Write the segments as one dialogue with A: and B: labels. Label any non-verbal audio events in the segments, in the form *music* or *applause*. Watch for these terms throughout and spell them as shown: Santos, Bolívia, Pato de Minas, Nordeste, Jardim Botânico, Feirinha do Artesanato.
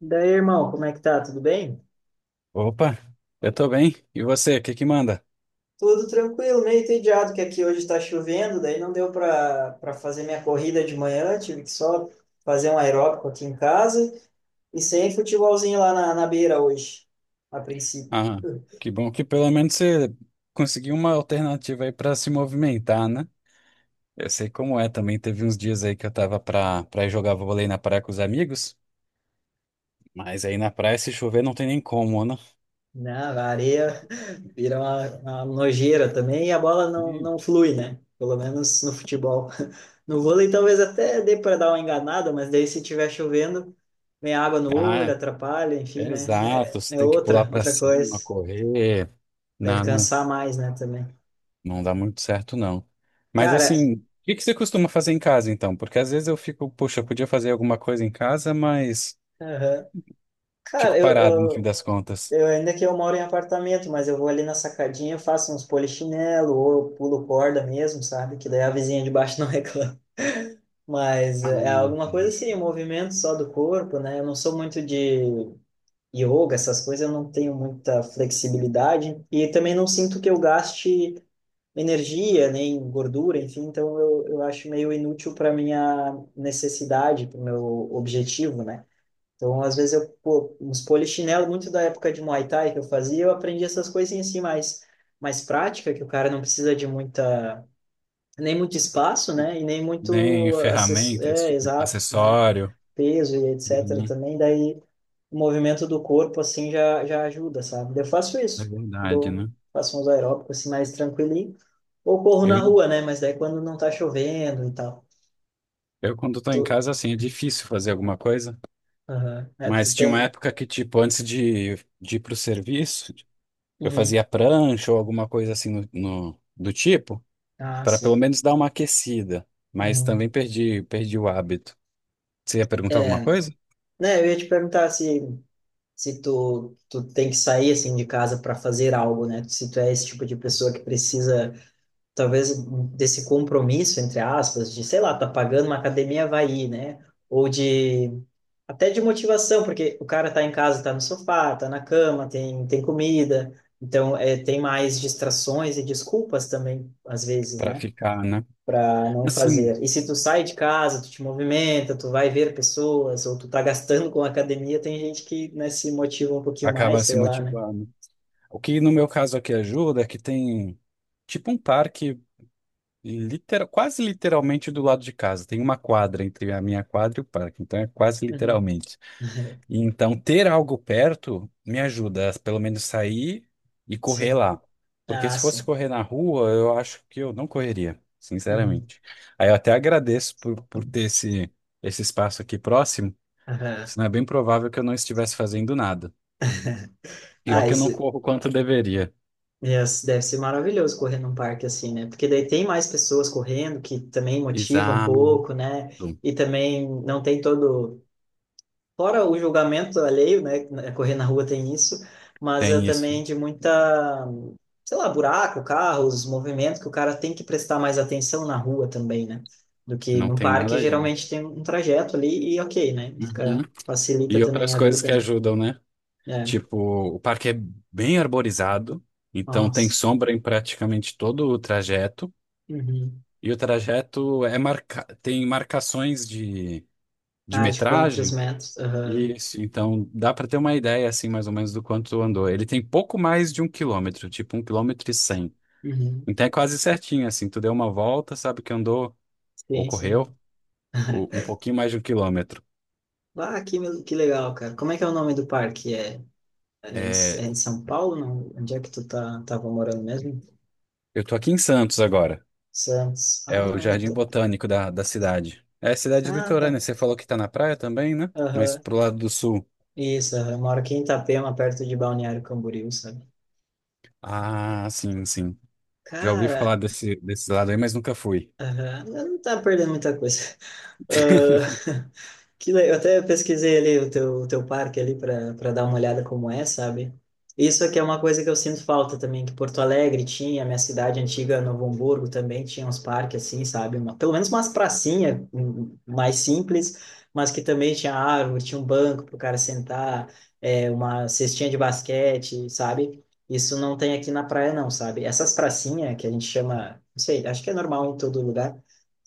A: Daí, irmão, como é que tá? Tudo bem?
B: Opa, eu tô bem. E você, o que que manda?
A: Tudo tranquilo, meio entediado que aqui hoje está chovendo, daí não deu para fazer minha corrida de manhã, tive que só fazer um aeróbico aqui em casa e sem futebolzinho lá na beira hoje, a princípio.
B: Ah, que bom que pelo menos você conseguiu uma alternativa aí pra se movimentar, né? Eu sei como é também. Teve uns dias aí que eu tava pra ir jogar vôlei na praia com os amigos, mas aí na praia, se chover, não tem nem como, né?
A: Na areia vira uma nojeira também e a bola não,
B: Ih,
A: não flui, né? Pelo menos no futebol. *laughs* No vôlei talvez até dê para dar uma enganada, mas daí se tiver chovendo, vem água no olho,
B: ah,
A: atrapalha, enfim, né?
B: exato.
A: É,
B: Você
A: é
B: tem que pular
A: outra,
B: pra
A: outra
B: cima,
A: coisa.
B: correr.
A: Deve
B: Não, não,
A: cansar mais, né, também.
B: não dá muito certo, não. Mas
A: Cara,
B: assim, o que que você costuma fazer em casa, então? Porque às vezes eu fico, poxa, eu podia fazer alguma coisa em casa, mas.
A: aham. Cara,
B: Fico parado no fim das contas.
A: eu ainda que eu moro em apartamento, mas eu vou ali na sacadinha, faço uns polichinelo ou eu pulo corda mesmo, sabe? Que daí a vizinha de baixo *laughs* não reclama. Mas
B: Ah,
A: é
B: uhum.
A: alguma coisa assim, um movimento só do corpo, né? Eu não sou muito de yoga, essas coisas, eu não tenho muita flexibilidade e também não sinto que eu gaste energia, nem gordura, enfim, então eu acho meio inútil para minha necessidade, para o meu objetivo, né? Então, às vezes, eu, pô, uns polichinelo, muito da época de Muay Thai que eu fazia, eu aprendi essas coisinhas assim mais, mais prática, que o cara não precisa de muita, nem muito espaço, né? E nem
B: Nem
A: muito,
B: ferramenta, esse
A: é,
B: tipo de
A: exato, né?
B: acessório.
A: Peso e etc.
B: Uhum.
A: também, daí o movimento do corpo, assim, já ajuda, sabe? Eu faço
B: É
A: isso,
B: verdade,
A: dou,
B: né?
A: faço uns aeróbicos, assim, mais tranquilinho, ou corro
B: Eu,
A: na rua, né? Mas daí quando não tá chovendo e tal.
B: eu quando estou em
A: Tu,
B: casa, assim, é difícil fazer alguma coisa.
A: aham. É, tu
B: Mas tinha uma
A: tem...
B: época que, tipo, antes de ir pro serviço, eu
A: Uhum.
B: fazia prancha ou alguma coisa assim no, do tipo,
A: Ah,
B: para pelo
A: sim.
B: menos dar uma aquecida. Mas também
A: Uhum.
B: perdi o hábito. Você ia perguntar alguma
A: é,
B: coisa?
A: Né, eu ia te perguntar se, se tu tem que sair assim de casa para fazer algo, né? Se tu é esse tipo de pessoa que precisa, talvez, desse compromisso, entre aspas, de, sei lá, tá pagando uma academia, vai ir, né? Ou de, até de motivação, porque o cara tá em casa, tá no sofá, tá na cama, tem comida, então é, tem mais distrações e desculpas também, às vezes,
B: Para
A: né?
B: ficar, né?
A: Para não
B: Assim,
A: fazer. E se tu sai de casa, tu te movimenta, tu vai ver pessoas, ou tu tá gastando com a academia, tem gente que, né, se motiva um pouquinho mais,
B: acaba se
A: sei lá, né?
B: motivando. O que no meu caso aqui ajuda é que tem tipo um parque literal, quase literalmente do lado de casa. Tem uma quadra entre a minha quadra e o parque, então é quase
A: Uhum.
B: literalmente.
A: *laughs*
B: E então ter algo perto me ajuda a pelo menos sair e correr
A: Sim.
B: lá. Porque
A: Ah,
B: se fosse
A: sim.
B: correr na rua, eu acho que eu não correria,
A: Uhum.
B: sinceramente. Aí eu até agradeço por ter esse, esse espaço aqui próximo,
A: Aham.
B: senão é bem provável que eu não estivesse fazendo nada. E ó
A: Ah,
B: que eu não corro quanto deveria.
A: esse deve ser maravilhoso correr num parque assim, né? Porque daí tem mais pessoas correndo que também motivam um
B: Exato.
A: pouco, né? E também não tem todo fora o julgamento alheio, né? Correr na rua tem isso, mas é
B: Tem isso.
A: também de muita, sei lá, buraco, carros, movimentos que o cara tem que prestar mais atenção na rua também, né? Do que
B: Não
A: no
B: tem
A: parque,
B: nada de.
A: geralmente tem um trajeto ali e ok, né?
B: Uhum.
A: Fica, facilita
B: E
A: também
B: outras
A: a
B: coisas
A: vida,
B: que
A: né?
B: ajudam, né?
A: É,
B: Tipo, o parque é bem arborizado, então tem
A: nossa.
B: sombra em praticamente todo o trajeto.
A: Uhum.
B: E o trajeto é marca... tem marcações de
A: Ah, de quantos
B: metragem.
A: metros? Aham.
B: Isso, então dá para ter uma ideia, assim, mais ou menos do quanto andou. Ele tem pouco mais de 1 quilômetro, tipo 1 quilômetro e 100.
A: Uhum.
B: Então é quase certinho, assim, tu deu uma volta, sabe que andou, ou
A: Sim,
B: correu,
A: sim.
B: um
A: *laughs*
B: pouquinho mais de 1 quilômetro.
A: Ah, que legal, cara. Como é que é o nome do parque? É, em, é
B: É,
A: em São Paulo? Não? Onde é que tava morando mesmo?
B: eu tô aqui em Santos agora.
A: Santos.
B: É o Jardim Botânico da cidade. É cidade
A: Ah, tá.
B: litorânea. Você falou que tá na praia também, né? Mas
A: Aham.
B: pro lado do sul.
A: Isso, aham. Eu moro aqui em Itapema, perto de Balneário Camboriú, sabe?
B: Ah, sim, sim. Já ouvi
A: Cara,
B: falar desse lado aí, mas nunca fui.
A: aham, eu não tá perdendo muita coisa. Ah,
B: *laughs*
A: *laughs* eu até pesquisei ali o o teu parque ali para dar uma olhada como é, sabe? Isso aqui é uma coisa que eu sinto falta também, que Porto Alegre tinha, minha cidade antiga, Novo Hamburgo também tinha uns parques assim, sabe? Uma, pelo menos umas pracinhas mais simples, mas que também tinha árvore, tinha um banco para o cara sentar, é, uma cestinha de basquete, sabe? Isso não tem aqui na praia, não, sabe? Essas pracinhas que a gente chama, não sei, acho que é normal em todo lugar,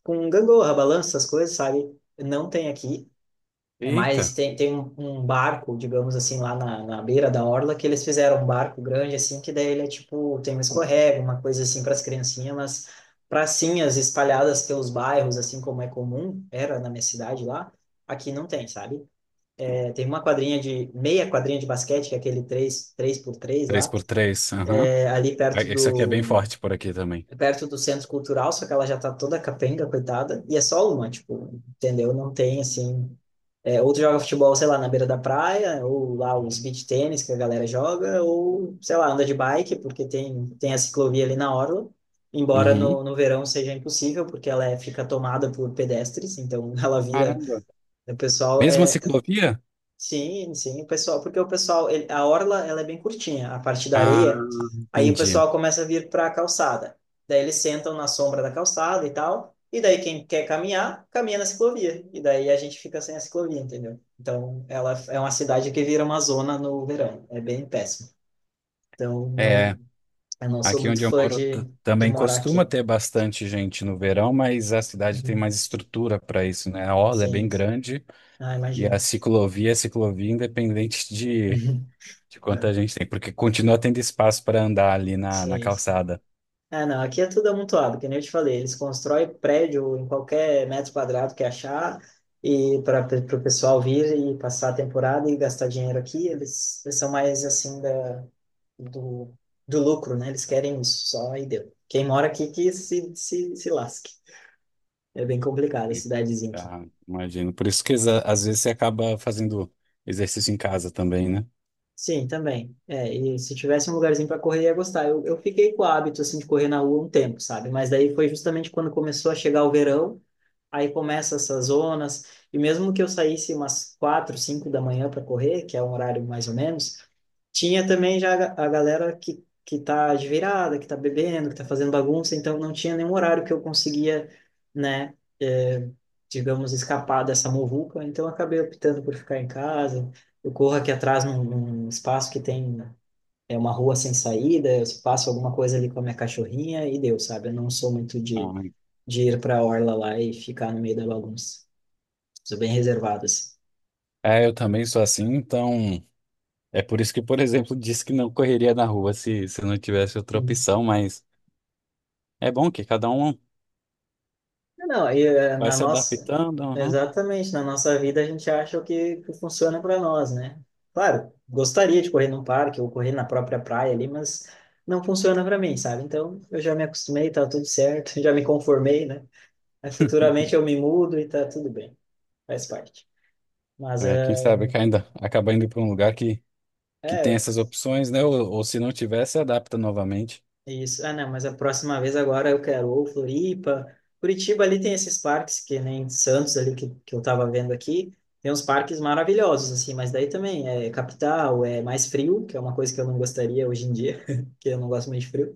A: com gangorra, balanço, essas coisas, sabe? Não tem aqui. É
B: Eita,
A: mais, tem um, um barco, digamos assim, lá na beira da orla, que eles fizeram um barco grande, assim, que daí ele é tipo, tem um escorrega, uma coisa assim para as criancinhas, mas pracinhas espalhadas pelos bairros, assim como é comum, era na minha cidade lá, aqui não tem, sabe? É, tem uma quadrinha de, meia quadrinha de basquete, que é aquele três por três
B: três
A: lá
B: por três. Aham.
A: é ali
B: Ah,
A: perto
B: esse aqui é bem
A: do
B: forte por aqui também.
A: é perto do centro cultural, só que ela já tá toda capenga, coitada, e é só uma, tipo, entendeu? Não tem assim, é, ou tu joga futebol, sei lá, na beira da praia, ou lá os beach tênis que a galera joga, ou sei lá, anda de bike, porque tem a ciclovia ali na orla. Embora
B: Uhum.
A: no verão seja impossível, porque ela é, fica tomada por pedestres, então *laughs* ela vira.
B: Caramba.
A: O pessoal
B: Mesma
A: é,
B: ciclovia?
A: sim, sim, o pessoal, porque o pessoal, ele- a orla, ela é bem curtinha, a parte da
B: Ah,
A: areia, aí o
B: entendi.
A: pessoal começa a vir para a calçada. Daí eles sentam na sombra da calçada e tal, e daí quem quer caminhar, caminha na ciclovia, e daí a gente fica sem a ciclovia, entendeu? Então, ela é uma cidade que vira uma zona no verão, é bem péssimo. Então, não,
B: É,
A: eu não sou
B: aqui
A: muito
B: onde eu
A: fã
B: moro
A: de
B: também
A: morar
B: costuma
A: aqui.
B: ter bastante gente no verão, mas a cidade tem
A: Uhum.
B: mais estrutura para isso, né? A orla é
A: Sim,
B: bem grande.
A: ah,
B: E a
A: imagino.
B: ciclovia é ciclovia independente de,
A: *laughs*
B: de
A: É,
B: quanta gente tem, porque continua tendo espaço para andar ali na
A: sim.
B: calçada.
A: É, não, aqui é tudo amontoado, que nem eu te falei, eles constroem prédio em qualquer metro quadrado que achar, e para o pessoal vir e passar a temporada e gastar dinheiro aqui, eles são mais assim do do lucro, né? Eles querem isso, só e deu. Quem mora aqui que se lasque. É bem complicado a
B: E,
A: cidadezinha aqui.
B: ah, imagino. Por isso que às vezes você acaba fazendo exercício em casa também, né?
A: Sim, também. É, e se tivesse um lugarzinho para correr, ia gostar. Eu fiquei com o hábito assim de correr na rua um tempo, sabe? Mas daí foi justamente quando começou a chegar o verão. Aí começa essas zonas, e mesmo que eu saísse umas quatro, cinco da manhã para correr, que é um horário mais ou menos, tinha também já a galera que tá de virada, que tá bebendo, que tá fazendo bagunça, então não tinha nenhum horário que eu conseguia, né, eh, digamos, escapar dessa muvuca, então eu acabei optando por ficar em casa. Eu corro aqui atrás num espaço que tem é uma rua sem saída, eu faço alguma coisa ali com a minha cachorrinha e deu, sabe? Eu não sou muito
B: Ah,
A: de ir para a orla lá e ficar no meio da bagunça. Sou bem reservado, assim.
B: é, eu também sou assim, então é por isso que, por exemplo, disse que não correria na rua se não tivesse outra
A: Uhum.
B: opção, mas. É bom que cada um
A: Não, e
B: vai se adaptando. Aham.
A: exatamente, na nossa vida a gente acha que funciona para nós, né? Claro, gostaria de correr num parque ou correr na própria praia ali, mas não funciona para mim, sabe? Então, eu já me acostumei, tá tudo certo, *laughs* já me conformei, né? Aí futuramente eu me mudo e tá tudo bem, faz parte. Mas
B: É, quem sabe que ainda acaba indo para um lugar que tem
A: é,
B: essas opções, né? Ou se não tiver, se adapta novamente.
A: isso. Ah, não, mas a próxima vez agora eu quero ou Floripa. Curitiba ali tem esses parques, que nem Santos ali que eu tava vendo aqui. Tem uns parques maravilhosos, assim, mas daí também é capital, é mais frio, que é uma coisa que eu não gostaria hoje em dia, *laughs* que eu não gosto muito de frio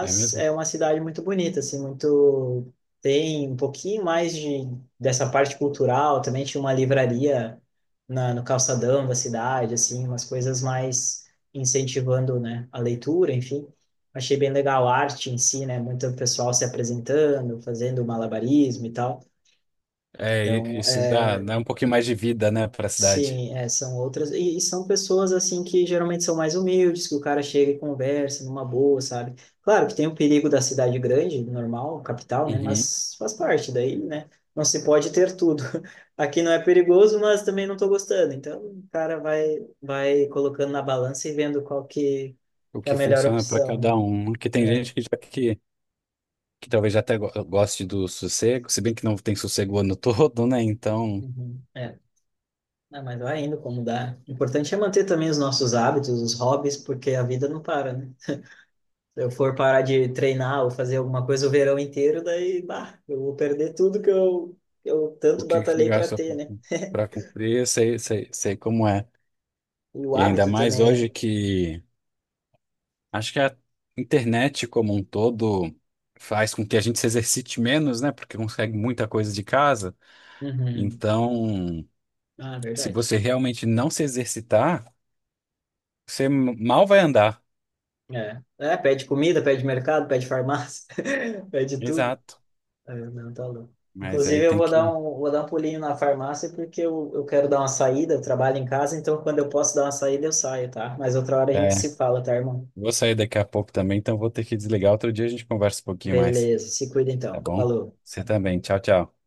B: É mesmo?
A: é uma cidade muito bonita, assim, muito tem um pouquinho mais de dessa parte cultural, também tinha uma livraria no calçadão da cidade, assim, umas coisas mais incentivando, né, a leitura, enfim. Achei bem legal a arte em si, né, muito pessoal se apresentando, fazendo malabarismo e tal.
B: É,
A: Então,
B: isso dá um pouquinho mais de vida, né, para a cidade.
A: sim, é, são outras. E são pessoas, assim, que geralmente são mais humildes, que o cara chega e conversa numa boa, sabe? Claro que tem o perigo da cidade grande, normal, capital, né?
B: Uhum.
A: Mas faz parte daí, né? Não se pode ter tudo. *laughs* Aqui não é perigoso, mas também não tô gostando. Então, o cara vai, vai colocando na balança e vendo qual que
B: O
A: é a
B: que
A: melhor
B: funciona para
A: opção, né?
B: cada um. Porque tem
A: É.
B: gente que, já, que talvez já até goste do sossego, se bem que não tem sossego o ano *laughs* todo, né? Então,
A: Uhum. É. Ah, mas vai indo como dá. O importante é manter também os nossos hábitos, os hobbies, porque a vida não para, né? Se eu for parar de treinar ou fazer alguma coisa o verão inteiro, daí, bah, eu vou perder tudo que que eu
B: o
A: tanto
B: que, que
A: batalhei para
B: gasta
A: ter, né?
B: para cumprir, eu sei, sei, sei como é.
A: E o
B: E ainda
A: hábito
B: mais
A: também,
B: hoje
A: né?
B: que. Acho que a internet como um todo faz com que a gente se exercite menos, né? Porque consegue muita coisa de casa.
A: Uhum.
B: Então,
A: Ah,
B: se
A: verdade.
B: você realmente não se exercitar, você mal vai andar.
A: É. É, pede comida, pede mercado, pede farmácia, *laughs* pede tudo.
B: Exato.
A: É, não, tá louco.
B: Mas aí
A: Inclusive, eu
B: tem que.
A: vou dar um pulinho na farmácia porque eu quero dar uma saída, eu trabalho em casa, então quando eu posso dar uma saída, eu saio, tá? Mas outra hora a gente
B: É,
A: se fala, tá, irmão?
B: vou sair daqui a pouco também, então vou ter que desligar. Outro dia a gente conversa um pouquinho mais,
A: Beleza, se cuida
B: tá
A: então.
B: bom?
A: Falou.
B: Você também. Tchau, tchau.